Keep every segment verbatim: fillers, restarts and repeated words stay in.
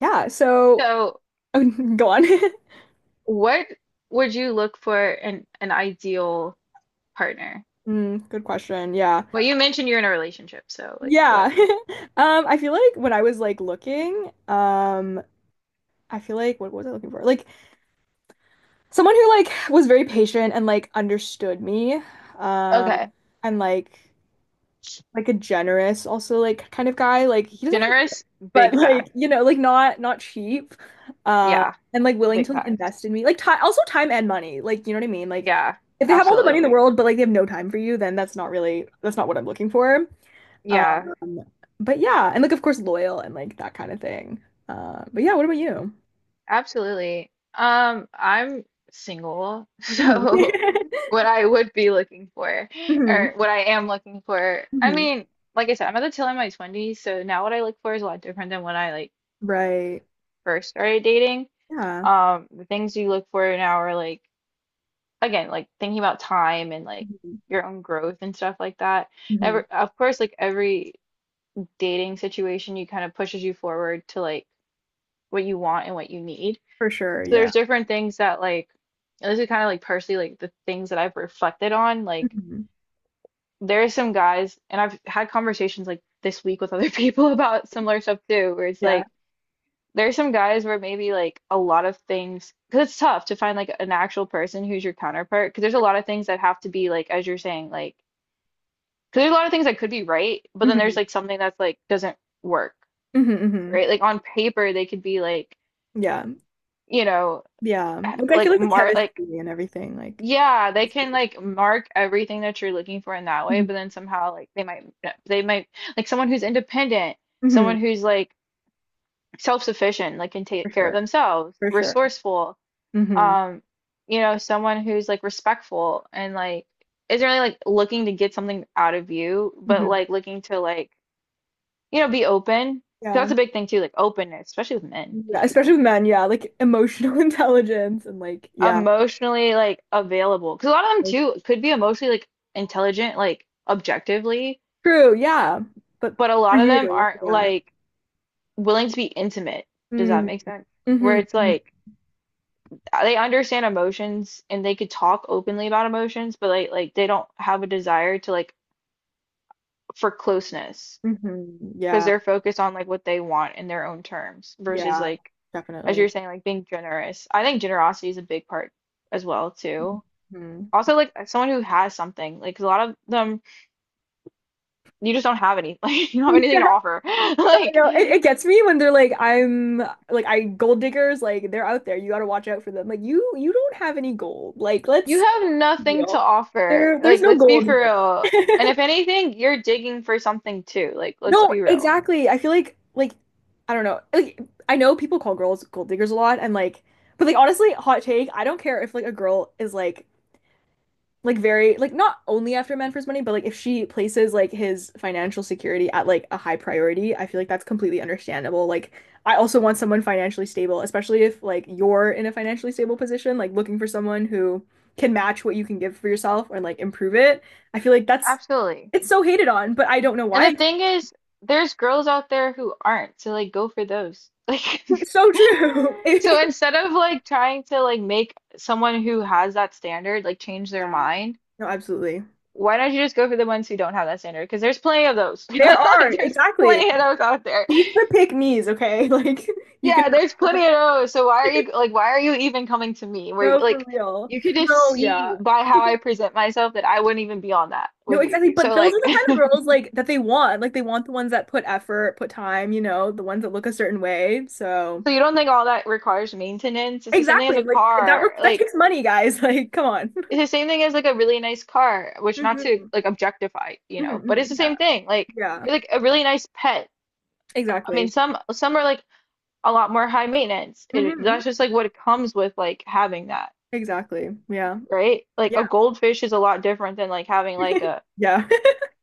Yeah, so So, oh, go on. what would you look for in an ideal partner? Mm, good question. Yeah. Well, you mentioned you're in a relationship, so like Yeah. what? Um, I feel like when I was like looking, um, I feel like what was I looking for? Like someone who like was very patient and like understood me. Um, Okay. and like like a generous also like kind of guy. Like he doesn't have to Generous, but big fact. like you know like not not cheap uh Yeah, and like willing big to like, facts. invest in me like time, also time and money, like you know what I mean like Yeah, if they have all the money in absolutely. the world but like they have no time for you, then that's not really that's not what I'm looking for. um Yeah, but yeah, and like of course loyal and like that kind of thing. Uh but yeah, what about you? absolutely. Um, I'm single, Mhm. so what I would be looking for, Mhm. or what I am looking for, I Mhm. mean, like I said, I'm at the tail end of my twenties, so now what I look for is a lot different than when I like Right. first started dating. Yeah. Um, the things you look for now are like again, like thinking about time and like Mhm. your own growth and stuff like that. Mhm. Ever, of course, like every dating situation, you kind of pushes you forward to like what you want and what you need. For sure. So Yeah. there's different things that like, and this is kind of like personally like the things that I've reflected on. Like Mhm. there are some guys, and I've had conversations like this week with other people about similar stuff too, where it's Yeah. like there's some guys where maybe like a lot of things, because it's tough to find like an actual person who's your counterpart, because there's a lot of things that have to be like, as you're saying, like, because there's a lot of things that could be right, but then there's Mhm. like something that's like doesn't work, Mhm. Mhm. right? Like on paper, they could be like, Yeah. you know, Yeah. eh, Like I feel like like the mark, like, chemistry and everything, like yeah, they it's can just- like mark everything that you're looking for in that way, mhm. but then somehow like they might, eh, they might, like someone who's independent, Mhm. someone who's like, self-sufficient, like can For take care of sure. themselves, For sure. resourceful, hmm um you know, someone who's like respectful and like isn't really like looking to get something out of you but hmm like looking to like, you know, be open. 'Cause yeah. that's a big thing too, like openness, especially with men, Yeah. because you Especially know, with men, yeah. Like emotional intelligence and like yeah. emotionally like available, because a lot of them Like, too could be emotionally like intelligent, like objectively, true, yeah. But but a for lot of them you, aren't yeah. like willing to be intimate. Does that Mm. make sense, where hmm it's like they understand emotions and they could talk openly about emotions but like like they don't have a desire to like for closeness hmm because yeah. they're focused on like what they want in their own terms versus Yeah. like, as Definitely. you're saying, like being generous. I think generosity is a big part as well too. Mhm. Also like someone who has something, like 'cause a lot of them you just don't have any, like you don't have anything Yeah. to offer. No, I Like know. It, it gets me when they're like, I'm like, I gold diggers, like they're out there. You gotta watch out for them. Like you you don't have any gold. Like you let's have nothing to real. offer. There, there's Like no let's be gold for real. here. And if anything, you're digging for something too. Like let's No, be real. exactly. I feel like like I don't know. Like I know people call girls gold diggers a lot and like but like honestly, hot take, I don't care if like a girl is like like very like not only after men for his money, but like if she places like his financial security at like a high priority, I feel like that's completely understandable. Like I also want someone financially stable, especially if like you're in a financially stable position, like looking for someone who can match what you can give for yourself and like improve it. I feel like that's Absolutely. it's so hated on, but I don't know And the why. thing is, there's girls out there who aren't, so like go for those. Like It's so true. so instead of like trying to like make someone who has that standard like change their Yeah. mind, No, absolutely. why don't you just go for the ones who don't have that standard? Because there's plenty of those. There Like are, there's exactly. plenty of those out there. Take the pick me's, okay? Like you can Yeah, there's plenty of those. So why are you like why are you even coming to me? Where no for like real. you could just No, yeah. see by how I present myself that I wouldn't even be on that No, with you. exactly. But So those like are the kind of girls like that they want. Like they want the ones that put effort, put time, you know, the ones that look a certain way. So so you don't think all that requires maintenance? It's the same thing as exactly. a Like that re car. that Like takes money, guys. Like, come on. it's the same thing as like a really nice car, which not to Mhm. like objectify, you Mhm, know, but it's the mhm. Yeah. same thing. Like Yeah. like a really nice pet. I mean, Exactly. some some are like a lot more high maintenance. It hmm that's just like what it comes with like having that, exactly. Yeah. right? Like Yeah. a goldfish is a lot different than like having like a Yeah.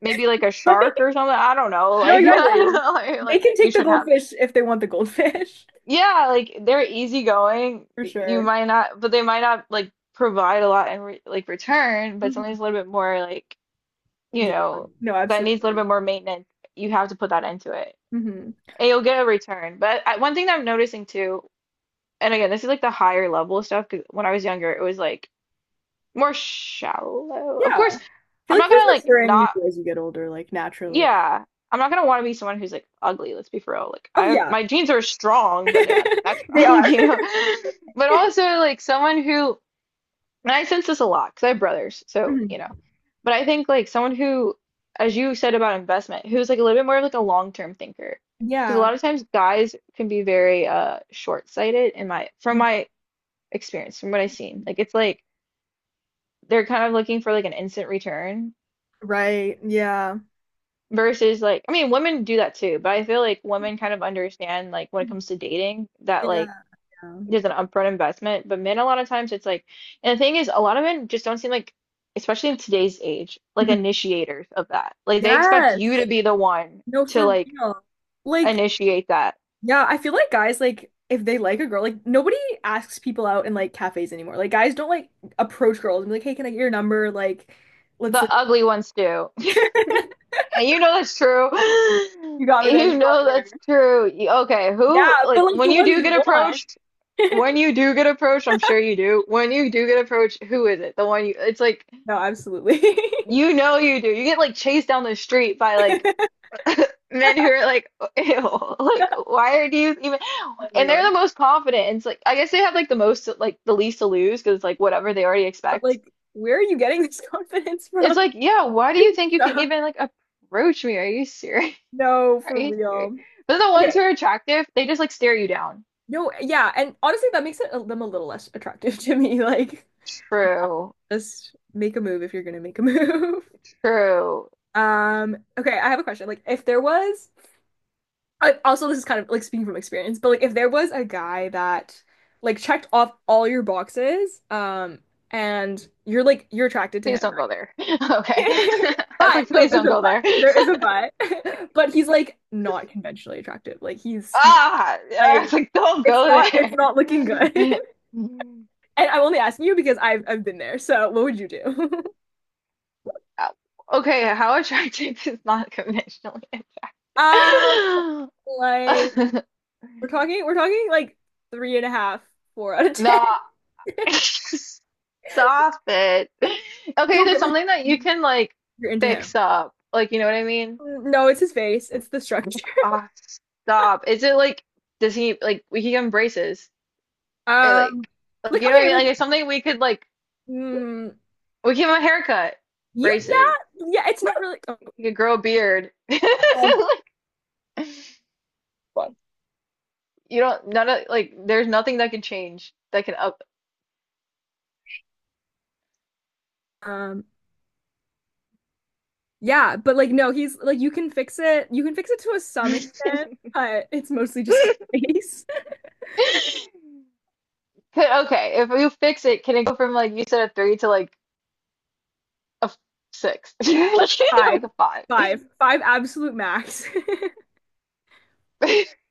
maybe like a shark Like, or something. I don't know. no, Like exactly. Like, like, they like can you take the shouldn't have. goldfish if they want the goldfish, Yeah, like they're easygoing. for y- You sure. might not, but they might not like provide a lot in re like return, but Mhm. something's a little bit more like, you Yeah. know, No, that needs a little absolutely. bit more maintenance. You have to put that into it hmm and you'll get a return. But I, one thing that I'm noticing too, and again, this is like the higher level stuff because when I was younger, it was like more shallow. Of Yeah. course, I feel I'm like not there's gonna like maturing you not. do as you get older, like naturally. Yeah, I'm not gonna want to be someone who's like ugly, let's be for real. Like I Oh have yeah. my genes are strong, but they're not that They strong, are. you know. But also like someone who, and I sense this a lot because I have brothers, so Mhm. you know. But I think like someone who, as you said about investment, who's like a little bit more of like a long-term thinker. Because a Yeah. lot of times guys can be very uh short-sighted in my from my experience, from what I've seen. Like it's like they're kind of looking for like an instant return Right. Yeah. versus like, I mean, women do that too, but I feel like women kind of understand like when it comes to dating that Yeah. like Yeah. there's an upfront investment, but men a lot of times it's like, and the thing is, a lot of men just don't seem like, especially in today's age, like initiators of that. Like they expect you to Yes. be the one No, to for like real. Like initiate that. yeah, I feel like guys like if they like a girl, like nobody asks people out in like cafes anymore. Like guys don't like approach girls and be like, "Hey, can I get your number?" Like, let's The like ugly ones do. And you know that's true. you got me there, You you got me know there. that's true. Y- Okay, Yeah, who, but like, like the when you ones do you get want. approached, when you do get approached, I'm sure you do. When you do get approached, who is it? The one you, it's like, No, absolutely. you know you do. You get, like, chased down the street by, like, men who are like, ew, like, why are you even, Oh my and God. they're the most confident. And it's like, I guess they have, like, the most, like, the least to lose because it's like whatever they already But expect. like, where are you getting this confidence It's from? like, yeah, why do you think you can even, like, approach me? Are you serious? No, Are for you serious? real. But the ones Okay. who are attractive, they just like stare you down. No, yeah, and honestly, that makes it, them a little less attractive to me. Like, True, just make a move if you're gonna make a move. true. Um, okay, I have a question. Like, if there was, I, also this is kind of like speaking from experience, but like if there was a guy that like checked off all your boxes, um, and you're like you're attracted to Please him, don't go there. Okay. right? I was But like, no, please there's don't a go but. there. There is a but. But he's like not conventionally attractive. Like he's he Ah, yeah, I was like like, don't it's go not it's not looking good. there. And I'm only asking you because I've I've been there. So what would you do? Uh, okay, how attractive is not conventionally Um, attractive? like we're talking, we're talking like three and a half, four out of ten. No, stop it. Okay, No, there's but like something that you can like you're into him. fix up. Like, you know what I mean? No, it's his face. It's the structure. Ah, stop. Is it like does he like we can give him braces? Or Um, like like like you know what I okay, mean? Like like it's something we could like mm, we give him a haircut, you, braces. yeah, yeah. It's not really. He could grow a beard. Um, Like you don't none of like there's nothing that can change that can up um, yeah, but like no, he's like you can fix it. You can fix it to a some could- extent, but it's mostly just his face. okay, if you fix it, can it go from like you said a three to like a f- six? Five, Like a five. five, five, absolute max.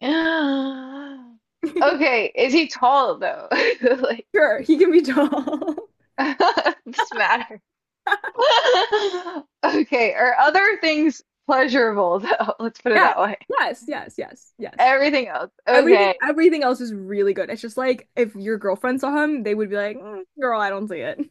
Okay, is he tall though? Like, Sure, he can be tall. this matters. Okay, are other things pleasurable though? Let's put it Yeah. that way. Yes, yes, yes, yes. Everything else. Everything Okay. everything else is really good. It's just like if your girlfriend saw him, they would be like, "Mm, Girl, I don't see it."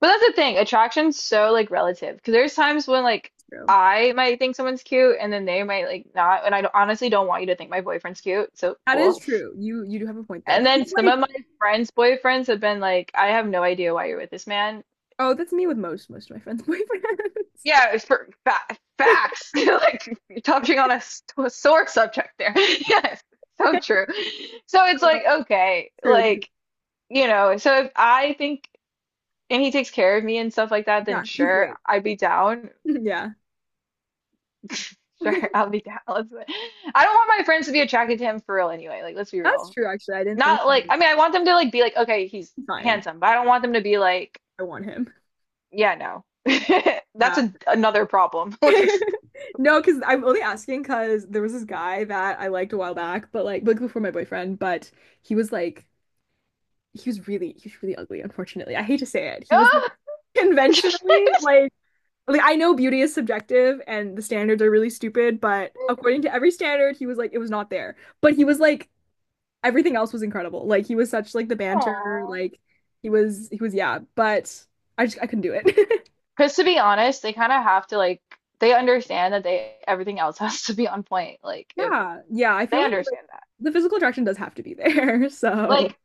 But that's the thing. Attraction's so like relative because there's times when like True. I might think someone's cute and then they might like not and I don't- honestly don't want you to think my boyfriend's cute. So That is cool. true. You you do have a point there. And But then it's some like, of my friends' boyfriends have been like, I have no idea why you're with this man. oh, that's me with most most of my friends' boyfriends. Yeah, it's for fa facts. Like you're touching on a, s- a sore subject there. Yes, so true. So it's Um, like, okay, true. like, you know, so if I think and he takes care of me and stuff like that, then Yeah, he's sure, great. I'd be down. Yeah. Sure, I'll be down. Let's do it. I don't want my friends to be attracted to him for real anyway. Like, let's be That's real. true actually. I didn't I Not like, didn't I mean, I want them to like be like, okay, he's fine. handsome, but I don't want them to be like, I want him. yeah, no. Yeah. That's a, another problem. Like, No, because I'm only asking because there was this guy that I liked a while back, but like, like before my boyfriend, but he was like he was really he was really ugly, unfortunately. I hate to say it. He was like ah! conventionally like like I know beauty is subjective and the standards are really stupid, but according to every standard, he was like it was not there. But he was like everything else was incredible. Like he was such like the banter, Aw. like he was he was yeah, but I just I couldn't do it. Because to be honest, they kind of have to like they understand that they everything else has to be on point. Like if Yeah. Yeah, I they feel like, like understand that. the physical attraction does have to be there. So Like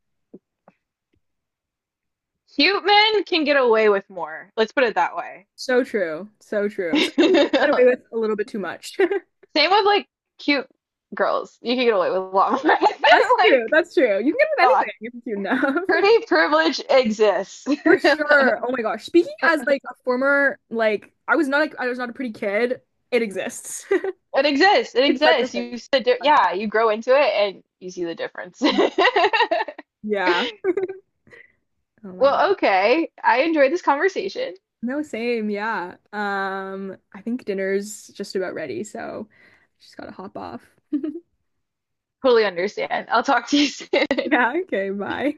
cute men can get away with more. Let's put it that way. so true. So true. Sometimes you get away with a little bit too much. Same with like cute girls. You can get away with a lot more That's true. like That's true. You can get away with anything not. if you're cute enough. Pretty privilege exists. For sure. Oh my gosh. Speaking as like a former like I was not like I was not a pretty kid. It exists. It exists. It It's such a exists. thing. You said yeah, you grow into it and you see the difference. Yeah. Oh my God. Well, okay. I enjoyed this conversation. No, same. Yeah. Um, I think dinner's just about ready, so just gotta hop off. Totally understand. I'll talk to you soon. Yeah, okay, bye.